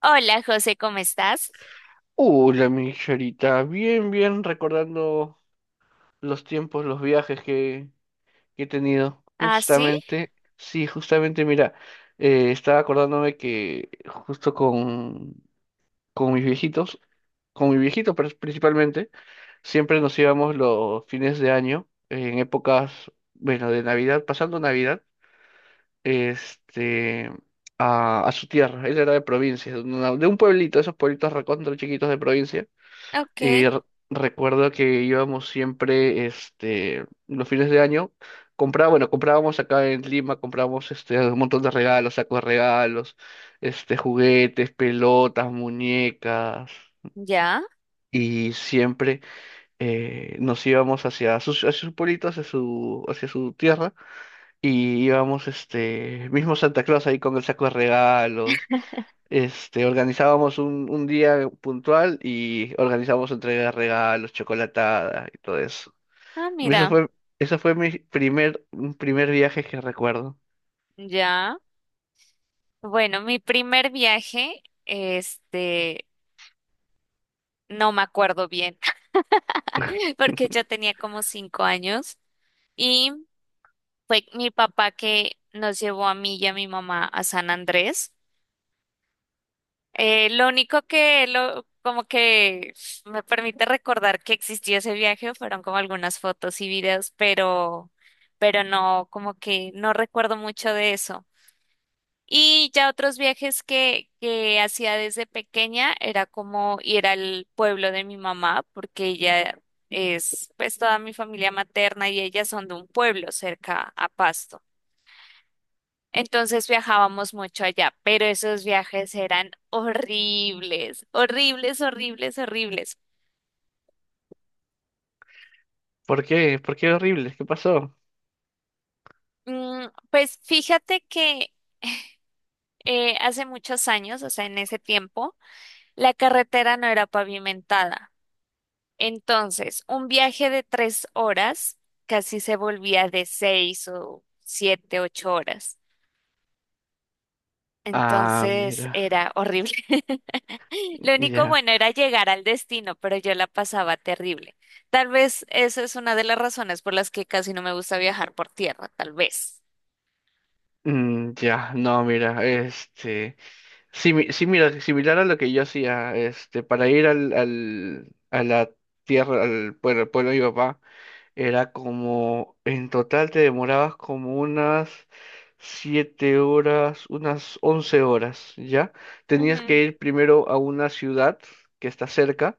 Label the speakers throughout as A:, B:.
A: Hola, José, ¿cómo estás?
B: Hola, mi Charita. Bien, bien, recordando los tiempos, los viajes que he tenido.
A: Ah, sí,
B: Justamente, sí, justamente, mira, estaba acordándome que justo con mis viejitos, con mi viejito pero principalmente, siempre nos íbamos los fines de año, en épocas, bueno, de Navidad, pasando Navidad, este, a su tierra. Él era de provincia, de un pueblito, esos pueblitos recontra chiquitos de provincia
A: ok,
B: y recuerdo que íbamos siempre, los fines de año, compraba, bueno, comprábamos acá en Lima, comprábamos, este, un montón de regalos, sacos de regalos, este, juguetes, pelotas, muñecas,
A: ya.
B: y siempre nos íbamos hacia sus pueblitos, hacia su tierra y íbamos, este, mismo Santa Claus ahí con el saco de regalos. Este, organizábamos un día puntual y organizábamos entrega de regalos, chocolatada y todo eso.
A: Ah,
B: Y
A: mira,
B: eso fue mi primer, un primer viaje que recuerdo.
A: ya. Bueno, mi primer viaje, este, no me acuerdo bien, porque yo tenía como 5 años y fue mi papá que nos llevó a mí y a mi mamá a San Andrés. Lo único que como que me permite recordar que existió ese viaje fueron como algunas fotos y videos, pero no, como que no recuerdo mucho de eso. Y ya otros viajes que hacía desde pequeña era como ir al pueblo de mi mamá, porque ella es, pues toda mi familia materna y ellas son de un pueblo cerca a Pasto. Entonces viajábamos mucho allá, pero esos viajes eran horribles, horribles, horribles, horribles.
B: ¿Por qué? ¿Por qué horrible? ¿Qué pasó?
A: Mm, pues fíjate que hace muchos años, o sea, en ese tiempo, la carretera no era pavimentada. Entonces, un viaje de 3 horas casi se volvía de 6 o 7, 8 horas.
B: Ah,
A: Entonces
B: mira,
A: era horrible. Lo único
B: ya.
A: bueno era llegar al destino, pero yo la pasaba terrible. Tal vez esa es una de las razones por las que casi no me gusta viajar por tierra, tal vez.
B: Mm, ya, no, mira, este, sí, sí, mira, similar a lo que yo hacía, este, para ir a la tierra, al pueblo de mi papá. Era como, en total te demorabas como unas siete horas, unas 11 horas, ¿ya? Tenías
A: Ujú.
B: que ir primero a una ciudad que está cerca,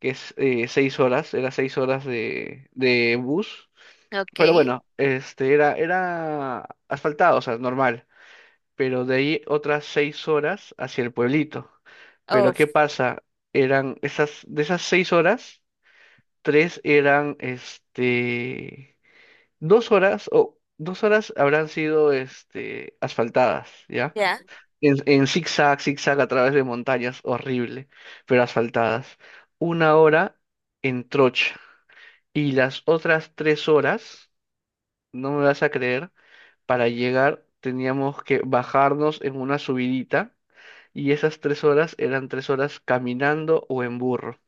B: que es, seis horas, era seis horas de bus,
A: Ok,
B: pero bueno, este era, era asfaltado, o sea, normal, pero de ahí otras seis horas hacia el pueblito. Pero
A: oh,
B: ¿qué pasa? Eran esas, de esas seis horas, tres eran este. Dos horas habrán sido, este, asfaltadas, ¿ya?
A: ya,
B: En zigzag, zigzag a través de montañas, horrible, pero asfaltadas. Una hora en trocha. Y las otras tres horas, no me vas a creer, para llegar teníamos que bajarnos en una subidita. Y esas tres horas eran tres horas caminando o en burro,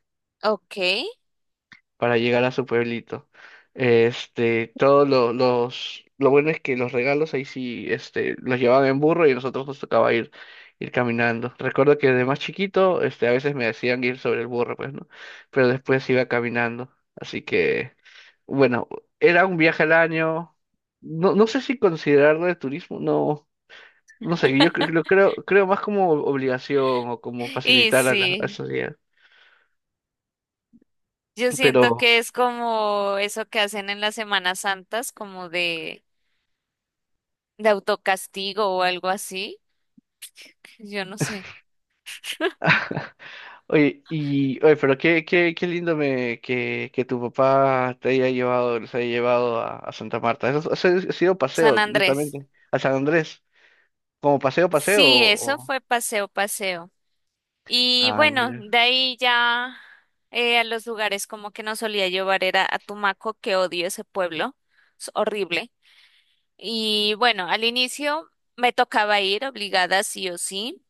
A: ok.
B: para llegar a su pueblito. Este, todos lo bueno es que los regalos ahí sí, este, los llevaban en burro y a nosotros nos tocaba ir caminando. Recuerdo que de más chiquito, este, a veces me decían ir sobre el burro, pues, ¿no? Pero después iba caminando. Así que, bueno, era un viaje al año. No, no sé si considerarlo de turismo, no, no sé, lo creo, creo más como obligación o como
A: Y
B: facilitar a a la
A: sí,
B: sociedad.
A: yo
B: Pero
A: siento que es como eso que hacen en las Semanas Santas, como de autocastigo o algo así. Yo no sé.
B: oye, y, oye, pero qué lindo que tu papá te haya llevado, los haya llevado a Santa Marta. Eso ha sido
A: San
B: paseo,
A: Andrés.
B: netamente, a San Andrés. ¿Como paseo, paseo
A: Sí,
B: o...?
A: eso fue paseo, paseo. Y
B: Ah,
A: bueno,
B: mira.
A: de ahí ya a los lugares como que nos solía llevar era a Tumaco, que odio ese pueblo. Es horrible. Y bueno, al inicio me tocaba ir obligada sí o sí.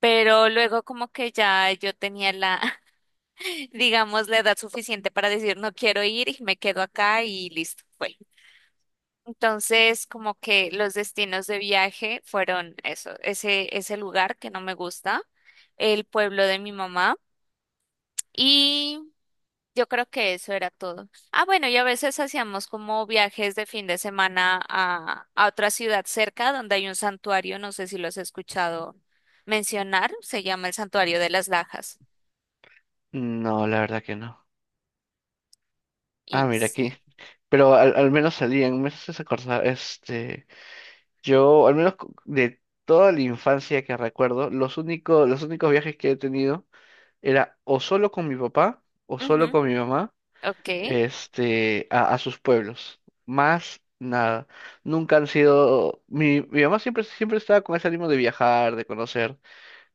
A: Pero luego como que ya yo tenía digamos, la edad suficiente para decir no quiero ir y me quedo acá y listo, fue. Entonces, como que los destinos de viaje fueron eso, ese lugar que no me gusta, el pueblo de mi mamá y yo creo que eso era todo. Ah, bueno, y a veces hacíamos como viajes de fin de semana a otra ciudad cerca donde hay un santuario, no sé si lo has escuchado mencionar, se llama el Santuario de las Lajas.
B: No, la verdad que no. Ah,
A: Y
B: mira, aquí.
A: sí.
B: Pero al menos salían, me haces acordar, este, yo, al menos, de toda la infancia que recuerdo, los únicos viajes que he tenido era o solo con mi papá o
A: Ujú,
B: solo con mi mamá,
A: ok.
B: este, a sus pueblos. Más nada. Nunca han sido. Mi mamá siempre, siempre estaba con ese ánimo de viajar, de conocer,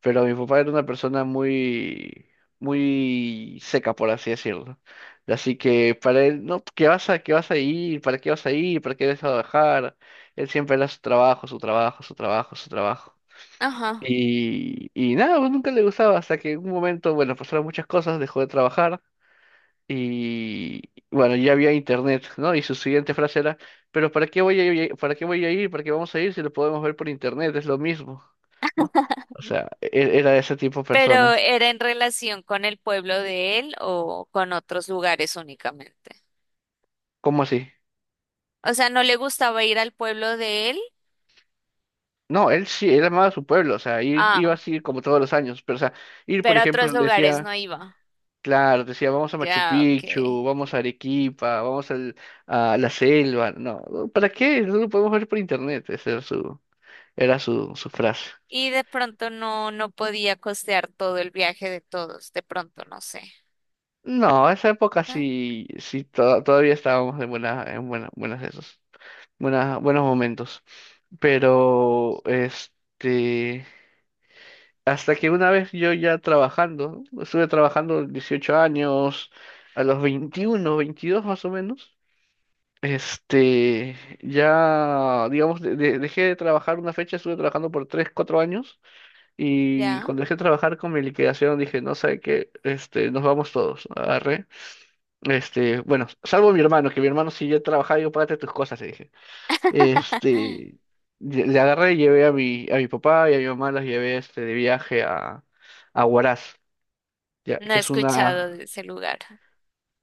B: pero mi papá era una persona muy, muy seca, por así decirlo. Así que para él, no, qué vas a ir? ¿Para qué vas a ir? ¿Para qué vas a viajar? Él siempre era su trabajo, su trabajo, su trabajo, su trabajo.
A: Ajá.
B: Y nada, pues nunca le gustaba, hasta que en un momento, bueno, pasaron muchas cosas, dejó de trabajar y bueno, ya había internet, ¿no? Y su siguiente frase era, pero ¿para qué voy a ir, para qué voy a ir, para qué vamos a ir si lo podemos ver por internet? Es lo mismo, ¿no? O sea, era de ese tipo de
A: ¿Pero
B: personas.
A: era en relación con el pueblo de él o con otros lugares únicamente?
B: ¿Cómo así?
A: O sea, ¿no le gustaba ir al pueblo de él?
B: No, él sí, él amaba su pueblo, o sea, iba
A: Ah,
B: así como todos los años, pero o sea, ir, por
A: pero a
B: ejemplo,
A: otros lugares no
B: decía,
A: iba.
B: claro, decía, vamos a Machu
A: Ya, ok.
B: Picchu, vamos a Arequipa, a la selva, no, ¿para qué? No lo podemos ver por internet, esa era su, su frase.
A: Y de pronto no, no podía costear todo el viaje de todos. De pronto, no sé.
B: No, esa época
A: Ah,
B: sí, todavía estábamos en buena, en buenas esos, buenas, buenos momentos. Pero este, hasta que una vez yo ya trabajando, estuve trabajando 18 años, a los 21, 22 más o menos. Este, ya, digamos, dejé de trabajar una fecha, estuve trabajando por 3, 4 años y
A: ya.
B: cuando dejé de trabajar con mi liquidación dije, no sé qué, este, nos vamos todos, este, bueno, salvo mi hermano, que mi hermano si yo trabajaba, yo págate tus cosas, le dije. Este, le agarré y llevé a mi papá y a mi mamá, las llevé, este, de viaje a Huaraz, ya,
A: No he
B: que es
A: escuchado
B: una,
A: de ese lugar.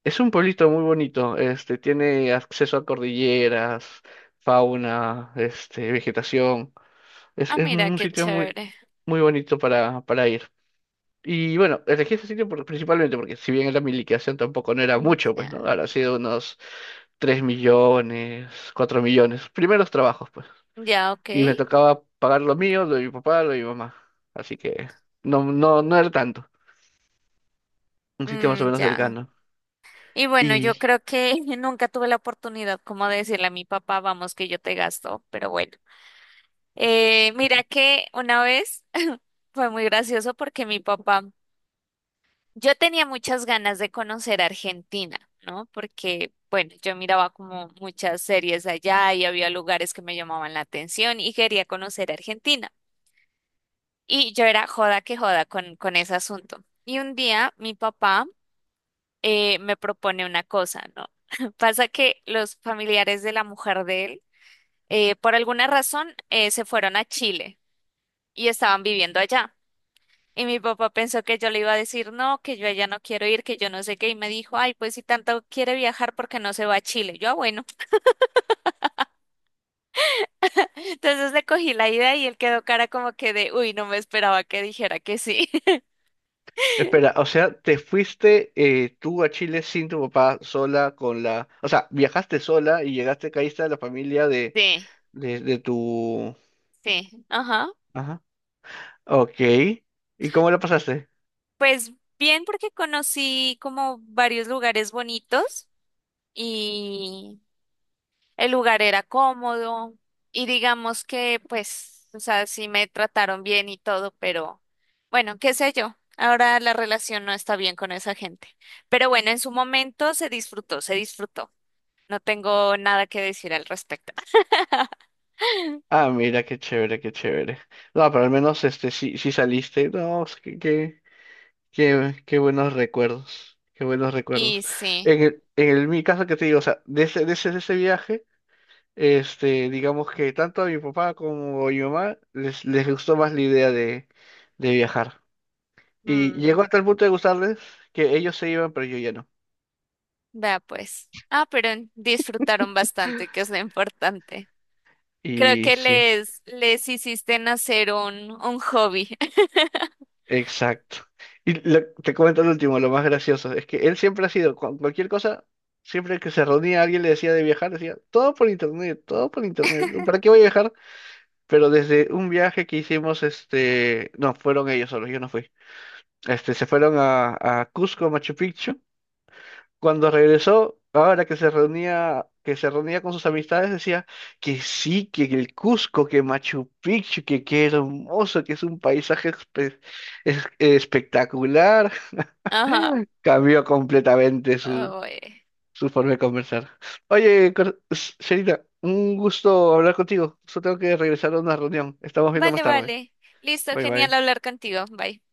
B: es un pueblito muy bonito, este, tiene acceso a cordilleras, fauna, este, vegetación.
A: Ah,
B: Es
A: mira,
B: un
A: qué
B: sitio muy,
A: chévere.
B: muy bonito para ir. Y bueno, elegí ese sitio principalmente porque si bien era mi liquidación tampoco no era
A: Mm,
B: mucho, pues, ¿no?
A: ya,
B: Ahora ha sido unos 3 millones, 4 millones, primeros trabajos, pues.
A: ya, ok.
B: Y me tocaba pagar lo mío, lo de mi papá, lo de mi mamá. Así que no, no, no era tanto. Un sitio más o
A: Mm,
B: menos
A: ya.
B: cercano.
A: Y bueno, yo
B: Y
A: creo que nunca tuve la oportunidad como de decirle a mi papá, vamos, que yo te gasto, pero bueno. Mira que una vez fue muy gracioso porque mi papá, yo tenía muchas ganas de conocer Argentina, ¿no? Porque, bueno, yo miraba como muchas series allá y había lugares que me llamaban la atención y quería conocer Argentina. Y yo era joda que joda con ese asunto. Y un día mi papá me propone una cosa, ¿no? Pasa que los familiares de la mujer de él, por alguna razón, se fueron a Chile y estaban viviendo allá. Y mi papá pensó que yo le iba a decir no, que yo allá no quiero ir, que yo no sé qué. Y me dijo, ay, pues si tanto quiere viajar, ¿por qué no se va a Chile? Yo, ah, bueno. Entonces le cogí la idea y él quedó cara como que de, uy, no me esperaba que dijera que sí.
B: espera, o sea, te fuiste, tú a Chile sin tu papá, sola, con la... O sea, viajaste sola y llegaste, caíste a la familia de,
A: Sí,
B: de tu...
A: sí, ajá.
B: Ajá. Ok. ¿Y cómo la pasaste?
A: Pues bien, porque conocí como varios lugares bonitos. Y, el lugar era cómodo y digamos que, pues, o sea, sí me trataron bien y todo, pero bueno, qué sé yo. Ahora la relación no está bien con esa gente. Pero bueno, en su momento se disfrutó, se disfrutó. No tengo nada que decir al respecto.
B: Ah, mira, qué chévere, qué chévere. No, pero al menos este sí, sí saliste. No, es qué, qué, qué, buenos recuerdos. Qué buenos
A: Y
B: recuerdos.
A: sí,
B: En mi caso que te digo, o sea, de ese viaje, este, digamos que tanto a mi papá como a mi mamá les, les gustó más la idea de viajar. Y llegó
A: mm,
B: hasta el punto de gustarles que ellos se iban, pero yo ya no.
A: vea pues. Ah, pero disfrutaron bastante, que es lo importante. Creo
B: Y
A: que
B: sí.
A: les hiciste nacer un hobby.
B: Exacto. Te comento lo último, lo más gracioso, es que él siempre ha sido, cualquier cosa, siempre que se reunía alguien le decía de viajar, decía, todo por internet, ¿para qué voy a viajar? Pero desde un viaje que hicimos, este, no, fueron ellos solos, yo no fui, este, se fueron a Cusco, Machu Picchu, cuando regresó, ahora que se reunía con sus amistades, decía que sí, que el Cusco, que Machu Picchu, que qué hermoso, que es un paisaje espectacular.
A: Ajá.
B: Cambió completamente su,
A: Oh, eh.
B: su forma de conversar. Oye, Serita, un gusto hablar contigo. Solo tengo que regresar a una reunión. Estamos viendo
A: Vale,
B: más tarde.
A: vale. Listo,
B: Bye
A: genial
B: bye.
A: hablar contigo. Bye.